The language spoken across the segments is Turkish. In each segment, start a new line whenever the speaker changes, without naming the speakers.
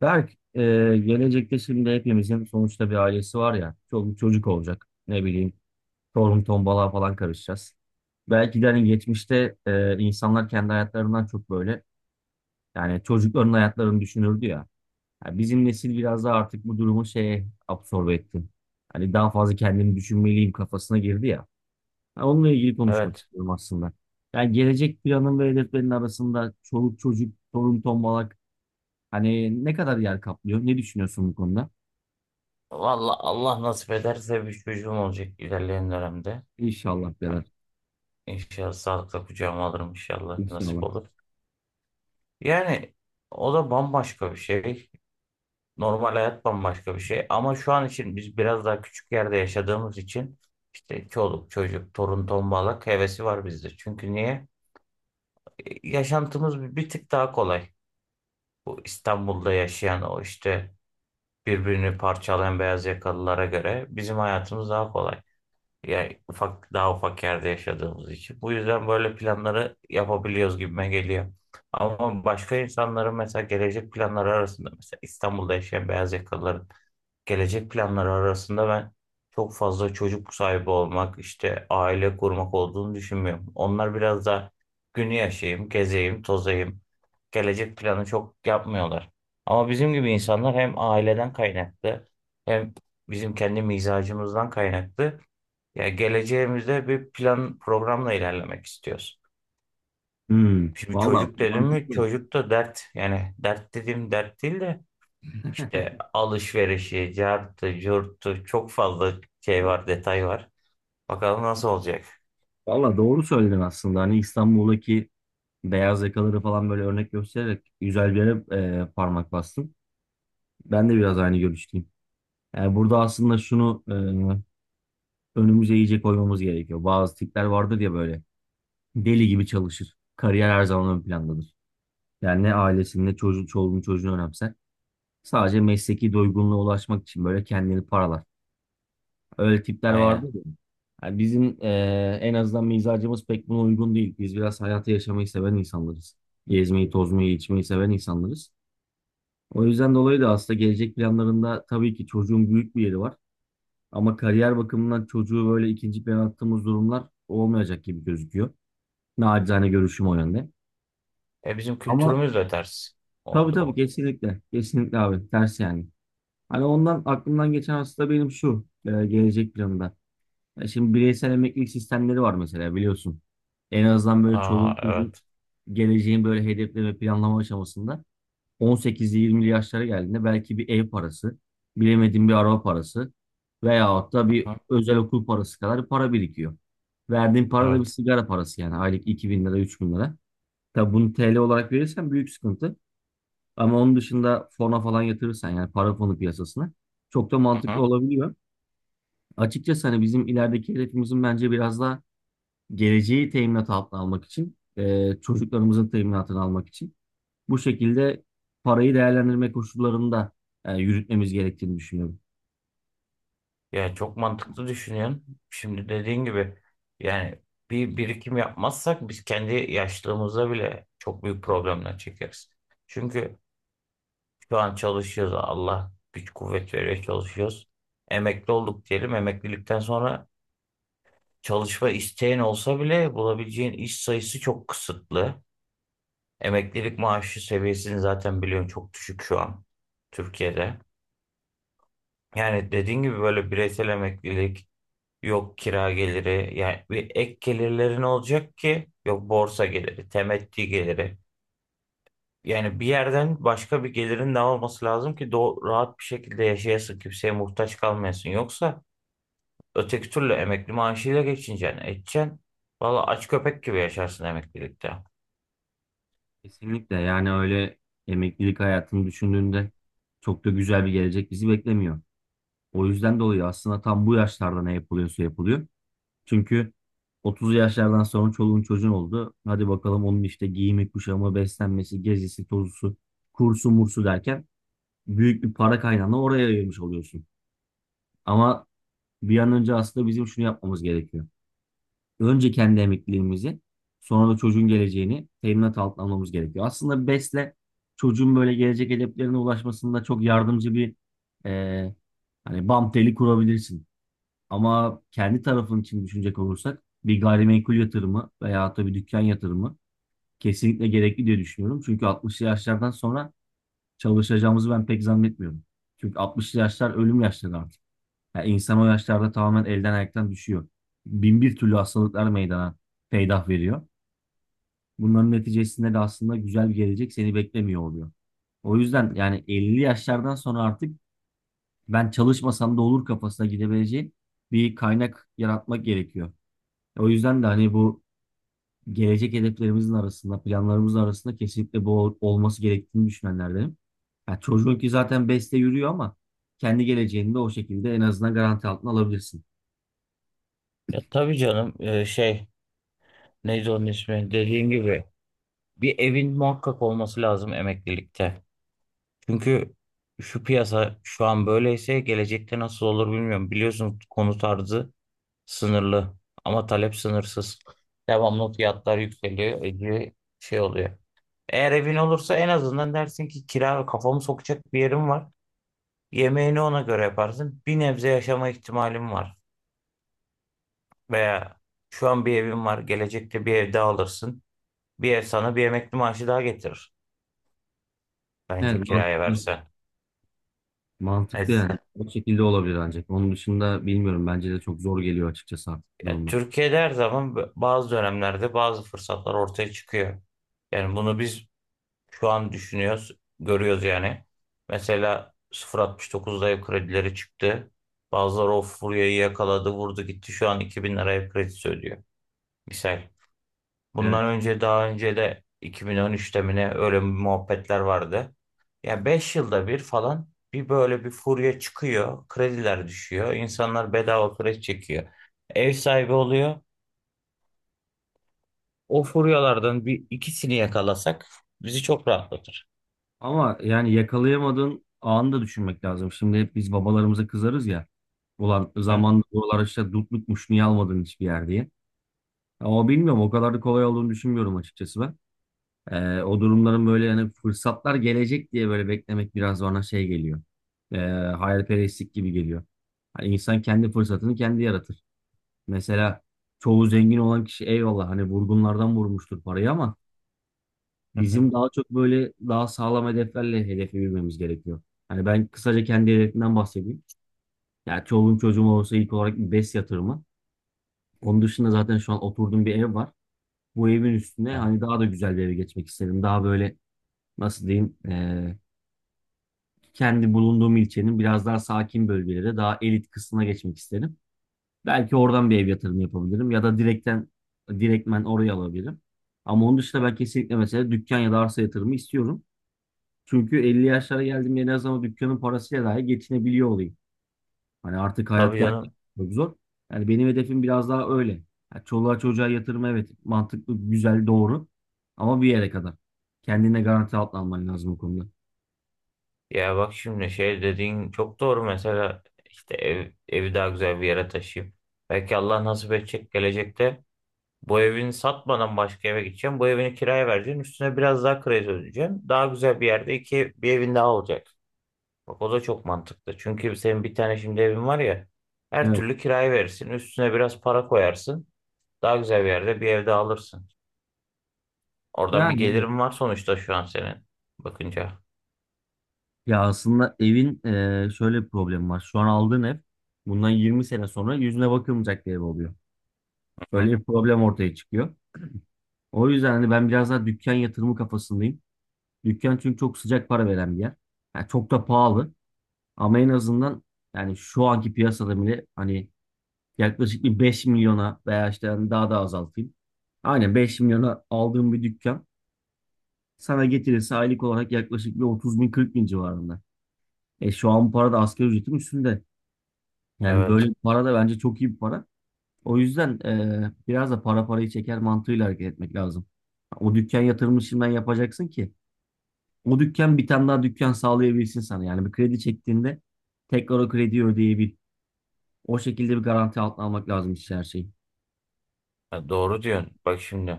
Berk, gelecekte şimdi hepimizin sonuçta bir ailesi var ya, çoluk çocuk olacak. Ne bileyim, torun tombalığa falan karışacağız. Belki de hani geçmişte insanlar kendi hayatlarından çok böyle, yani çocukların hayatlarını düşünürdü ya. Ya bizim nesil biraz daha artık bu durumu şeye absorbe etti. Hani daha fazla kendimi düşünmeliyim kafasına girdi ya. Ha, onunla ilgili konuşmak
Evet.
istiyorum aslında. Yani gelecek planın ve hedeflerin arasında çoluk çocuk, torun tombalak hani ne kadar yer kaplıyor? Ne düşünüyorsun bu konuda?
Vallahi Allah nasip ederse bir çocuğum olacak ilerleyen dönemde.
İnşallah beyler.
İnşallah sağlıkla kucağıma alırım inşallah nasip
İnşallah.
olur. Yani o da bambaşka bir şey. Normal hayat bambaşka bir şey. Ama şu an için biz biraz daha küçük yerde yaşadığımız için işte çoluk çocuk torun tombalak hevesi var bizde. Çünkü niye? Yaşantımız bir tık daha kolay. Bu İstanbul'da yaşayan o işte birbirini parçalayan beyaz yakalılara göre bizim hayatımız daha kolay. Yani daha ufak yerde yaşadığımız için. Bu yüzden böyle planları yapabiliyoruz gibime geliyor. Ama başka insanların mesela gelecek planları arasında mesela İstanbul'da yaşayan beyaz yakalıların gelecek planları arasında ben çok fazla çocuk sahibi olmak, işte aile kurmak olduğunu düşünmüyorum. Onlar biraz da günü yaşayayım, gezeyim, tozayım. Gelecek planı çok yapmıyorlar. Ama bizim gibi insanlar hem aileden kaynaklı hem bizim kendi mizacımızdan kaynaklı ya geleceğimizde bir plan programla ilerlemek istiyoruz.
Hmm,
Şimdi
valla
çocuk dedim mi
mantıklı.
çocuk da dert. Yani dert dediğim dert değil de işte alışverişi, cartı, curtu çok fazla şey var, detay var. Bakalım nasıl olacak.
Valla doğru söyledin aslında. Hani İstanbul'daki beyaz yakaları falan böyle örnek göstererek güzel bir yere parmak bastın. Ben de biraz aynı görüşteyim. Yani burada aslında şunu önümüze iyice koymamız gerekiyor. Bazı tipler vardır ya böyle deli gibi çalışır. Kariyer her zaman ön plandadır. Yani ne ailesini ne çocuğu, çoluğunu çocuğunu önemser. Sadece mesleki doygunluğa ulaşmak için böyle kendini paralar. Öyle tipler vardı
Aynen.
ya. Yani bizim en azından mizacımız pek buna uygun değil. Biz biraz hayatı yaşamayı seven insanlarız. Gezmeyi, tozmayı, içmeyi seven insanlarız. O yüzden dolayı da aslında gelecek planlarında tabii ki çocuğun büyük bir yeri var. Ama kariyer bakımından çocuğu böyle ikinci plana attığımız durumlar olmayacak gibi gözüküyor. Naçizane görüşüm o yönde.
E bizim
Ama
kültürümüz de ters o
tabii tabii
durum.
kesinlikle. Kesinlikle abi. Ters yani. Hani ondan aklımdan geçen aslında benim şu gelecek planında. Ya şimdi bireysel emeklilik sistemleri var mesela biliyorsun. En azından böyle
Aa,
çoluk çocuğun
evet.
geleceğin böyle hedefleme planlama aşamasında 18'li 20'li yaşlara geldiğinde belki bir ev parası, bilemediğin bir araba parası veyahut da bir
Hı,
özel okul parası kadar para birikiyor. Verdiğin para da bir
evet.
sigara parası yani aylık 2000 lira 3000 lira. Tabii bunu TL olarak verirsen büyük sıkıntı. Ama onun dışında fona falan yatırırsan yani para fonu piyasasına çok da mantıklı
Hı.
olabiliyor. Açıkçası hani bizim ilerideki hedefimizin bence biraz daha geleceği teminat altına almak için, çocuklarımızın teminatını almak için bu şekilde parayı değerlendirme koşullarında yürütmemiz gerektiğini düşünüyorum.
Yani çok mantıklı düşünüyorsun. Şimdi dediğin gibi yani bir birikim yapmazsak biz kendi yaşlılığımızda bile çok büyük problemler çekeriz. Çünkü şu an çalışıyoruz. Allah güç kuvvet veriyor çalışıyoruz. Emekli olduk diyelim. Emeklilikten sonra çalışma isteğin olsa bile bulabileceğin iş sayısı çok kısıtlı. Emeklilik maaşı seviyesini zaten biliyorsun çok düşük şu an Türkiye'de. Yani dediğin gibi böyle bireysel emeklilik. Yok kira geliri yani bir ek gelirlerin olacak ki, yok borsa geliri, temettü geliri. Yani bir yerden başka bir gelirin de olması lazım ki do rahat bir şekilde yaşayasın, kimseye muhtaç kalmayasın. Yoksa öteki türlü emekli maaşıyla geçineceksin, edeceksin. Valla aç köpek gibi yaşarsın emeklilikte.
Kesinlikle yani öyle emeklilik hayatını düşündüğünde çok da güzel bir gelecek bizi beklemiyor. O yüzden dolayı aslında tam bu yaşlarda ne yapılıyorsa yapılıyor. Çünkü 30 yaşlardan sonra çoluğun çocuğun oldu. Hadi bakalım onun işte giyimi, kuşamı, beslenmesi, gezisi, tozusu, kursu, mursu derken büyük bir para kaynağını oraya ayırmış oluyorsun. Ama bir an önce aslında bizim şunu yapmamız gerekiyor. Önce kendi emekliliğimizi, sonra da çocuğun geleceğini teminat altına almamız gerekiyor. Aslında BES'le çocuğun böyle gelecek hedeflerine ulaşmasında çok yardımcı bir e, hani bam teli kurabilirsin. Ama kendi tarafın için düşünecek olursak bir gayrimenkul yatırımı veya da bir dükkan yatırımı kesinlikle gerekli diye düşünüyorum. Çünkü 60'lı yaşlardan sonra çalışacağımızı ben pek zannetmiyorum. Çünkü 60'lı yaşlar ölüm yaşları artık. Yani insan o yaşlarda tamamen elden ayaktan düşüyor. Bin bir türlü hastalıklar meydana peydah veriyor. Bunların neticesinde de aslında güzel bir gelecek seni beklemiyor oluyor. O yüzden yani 50 yaşlardan sonra artık ben çalışmasam da olur kafasına gidebileceğin bir kaynak yaratmak gerekiyor. O yüzden de hani bu gelecek hedeflerimizin arasında, planlarımızın arasında kesinlikle bu olması gerektiğini düşünenlerdenim. Yani çocuğun ki zaten beste yürüyor ama kendi geleceğini de o şekilde en azından garanti altına alabilirsin.
Ya tabii canım, şey neydi onun ismi dediğin gibi bir evin muhakkak olması lazım emeklilikte. Çünkü şu piyasa şu an böyleyse gelecekte nasıl olur bilmiyorum. Biliyorsun konut arzı sınırlı ama talep sınırsız. Devamlı fiyatlar yükseliyor, iyice şey oluyor. Eğer evin olursa en azından dersin ki kira kafamı sokacak bir yerim var. Yemeğini ona göre yaparsın. Bir nebze yaşama ihtimalim var. Veya şu an bir evim var, gelecekte bir ev daha alırsın. Bir ev sana bir emekli maaşı daha getirir. Bence
Evet,
kiraya
mantıklı.
versen.
Mantıklı
Evet.
yani. O şekilde olabilir ancak. Onun dışında bilmiyorum. Bence de çok zor geliyor açıkçası artık
Ya
durumlar.
Türkiye'de her zaman bazı dönemlerde bazı fırsatlar ortaya çıkıyor. Yani bunu biz şu an düşünüyoruz, görüyoruz yani. Mesela 0.69'da ev kredileri çıktı. Bazıları o furyayı yakaladı, vurdu gitti. Şu an 2000 lira ev kredisi ödüyor. Misal.
Evet.
Bundan önce daha önce de 2013'te mi ne öyle muhabbetler vardı. Ya 5 yılda bir falan bir böyle bir furya çıkıyor. Krediler düşüyor. İnsanlar bedava kredi çekiyor. Ev sahibi oluyor. O furyalardan bir ikisini yakalasak bizi çok rahatlatır.
Ama yani yakalayamadığın anı da düşünmek lazım. Şimdi hep biz babalarımıza kızarız ya. Ulan
Hı?
zamanında buralar işte dutlukmuş niye almadın hiçbir yer diye. Ama bilmiyorum o kadar da kolay olduğunu düşünmüyorum açıkçası ben. O durumların böyle yani fırsatlar gelecek diye böyle beklemek biraz bana şey geliyor. Ee, hayalperestlik gibi geliyor. Hani insan kendi fırsatını kendi yaratır. Mesela çoğu zengin olan kişi eyvallah hani vurgunlardan vurmuştur parayı ama
Hı hı.
bizim daha çok böyle daha sağlam hedeflerle hedefe yürümemiz gerekiyor. Hani ben kısaca kendi hedefimden bahsedeyim. Ya çoluğum çocuğum olursa ilk olarak bir BES yatırımı. Onun dışında zaten şu an oturduğum bir ev var. Bu evin üstüne
Ya,
hani daha da güzel bir eve geçmek isterim. Daha böyle nasıl diyeyim, kendi bulunduğum ilçenin biraz daha sakin bölgelere daha elit kısmına geçmek isterim. Belki oradan bir ev yatırımı yapabilirim ya da direkten direktmen oraya alabilirim. Ama onun dışında ben kesinlikle mesela dükkan ya da arsa yatırımı istiyorum. Çünkü 50 yaşlara geldiğimde en azından dükkanın parasıyla dahi geçinebiliyor olayım. Hani artık hayat
tabii
gerçekten
canım.
çok zor. Yani benim hedefim biraz daha öyle. Yani çoluğa çocuğa yatırım evet mantıklı, güzel, doğru. Ama bir yere kadar. Kendine garanti altına alman lazım o konuda.
Ya bak şimdi şey dediğin çok doğru, mesela işte evi daha güzel bir yere taşıyayım. Belki Allah nasip edecek gelecekte bu evini satmadan başka eve gideceğim. Bu evini kiraya vereceğim. Üstüne biraz daha kredi ödeyeceğim. Daha güzel bir yerde iki bir evin daha olacak. Bak o da çok mantıklı. Çünkü senin bir tane şimdi evin var ya, her
Evet.
türlü kiraya verirsin. Üstüne biraz para koyarsın. Daha güzel bir yerde bir ev daha alırsın. Oradan bir
Yani evet.
gelirim var sonuçta şu an senin bakınca.
Ya aslında evin şöyle bir problemi var. Şu an aldığın ev bundan 20 sene sonra yüzüne bakılmayacak bir ev oluyor.
Hı
Böyle
hı.
bir problem ortaya çıkıyor. O yüzden hani ben biraz daha dükkan yatırımı kafasındayım. Dükkan çünkü çok sıcak para veren bir yer. Yani çok da pahalı ama en azından yani şu anki piyasada bile hani yaklaşık bir 5 milyona veya işte hani daha da azaltayım. Aynen 5 milyona aldığım bir dükkan sana getirirse aylık olarak yaklaşık bir 30 bin 40 bin civarında. E şu an bu para da asgari ücretin üstünde. Yani böyle
Evet.
bir para da bence çok iyi bir para. O yüzden biraz da para parayı çeker mantığıyla hareket etmek lazım. O dükkan yatırımını şimdiden yapacaksın ki o dükkan bir tane daha dükkan sağlayabilsin sana. Yani bir kredi çektiğinde tekrar o krediyi ödeyebil. O şekilde bir garanti altına almak lazım işte her şeyi.
Ha, doğru diyorsun. Bak şimdi.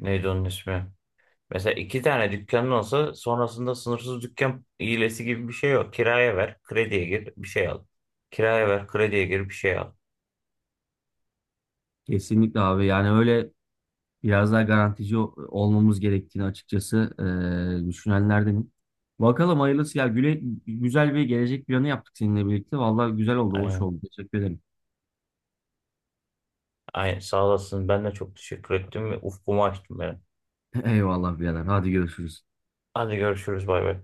Neydi onun ismi? Mesela iki tane dükkanın olsa sonrasında sınırsız dükkan hilesi gibi bir şey yok. Kiraya ver, krediye gir, bir şey al. Kiraya ver, krediye gir, bir şey al.
Kesinlikle abi yani öyle biraz daha garantici olmamız gerektiğini açıkçası düşünenlerdenim. Bakalım hayırlısı ya Güle, güzel bir gelecek planı yaptık seninle birlikte. Vallahi güzel oldu, hoş
Aynen.
oldu. Teşekkür ederim.
Aynen. Sağ olasın. Ben de çok teşekkür ettim ve ufkumu açtım benim.
Eyvallah birader. Hadi görüşürüz.
Hadi görüşürüz. Bay bay.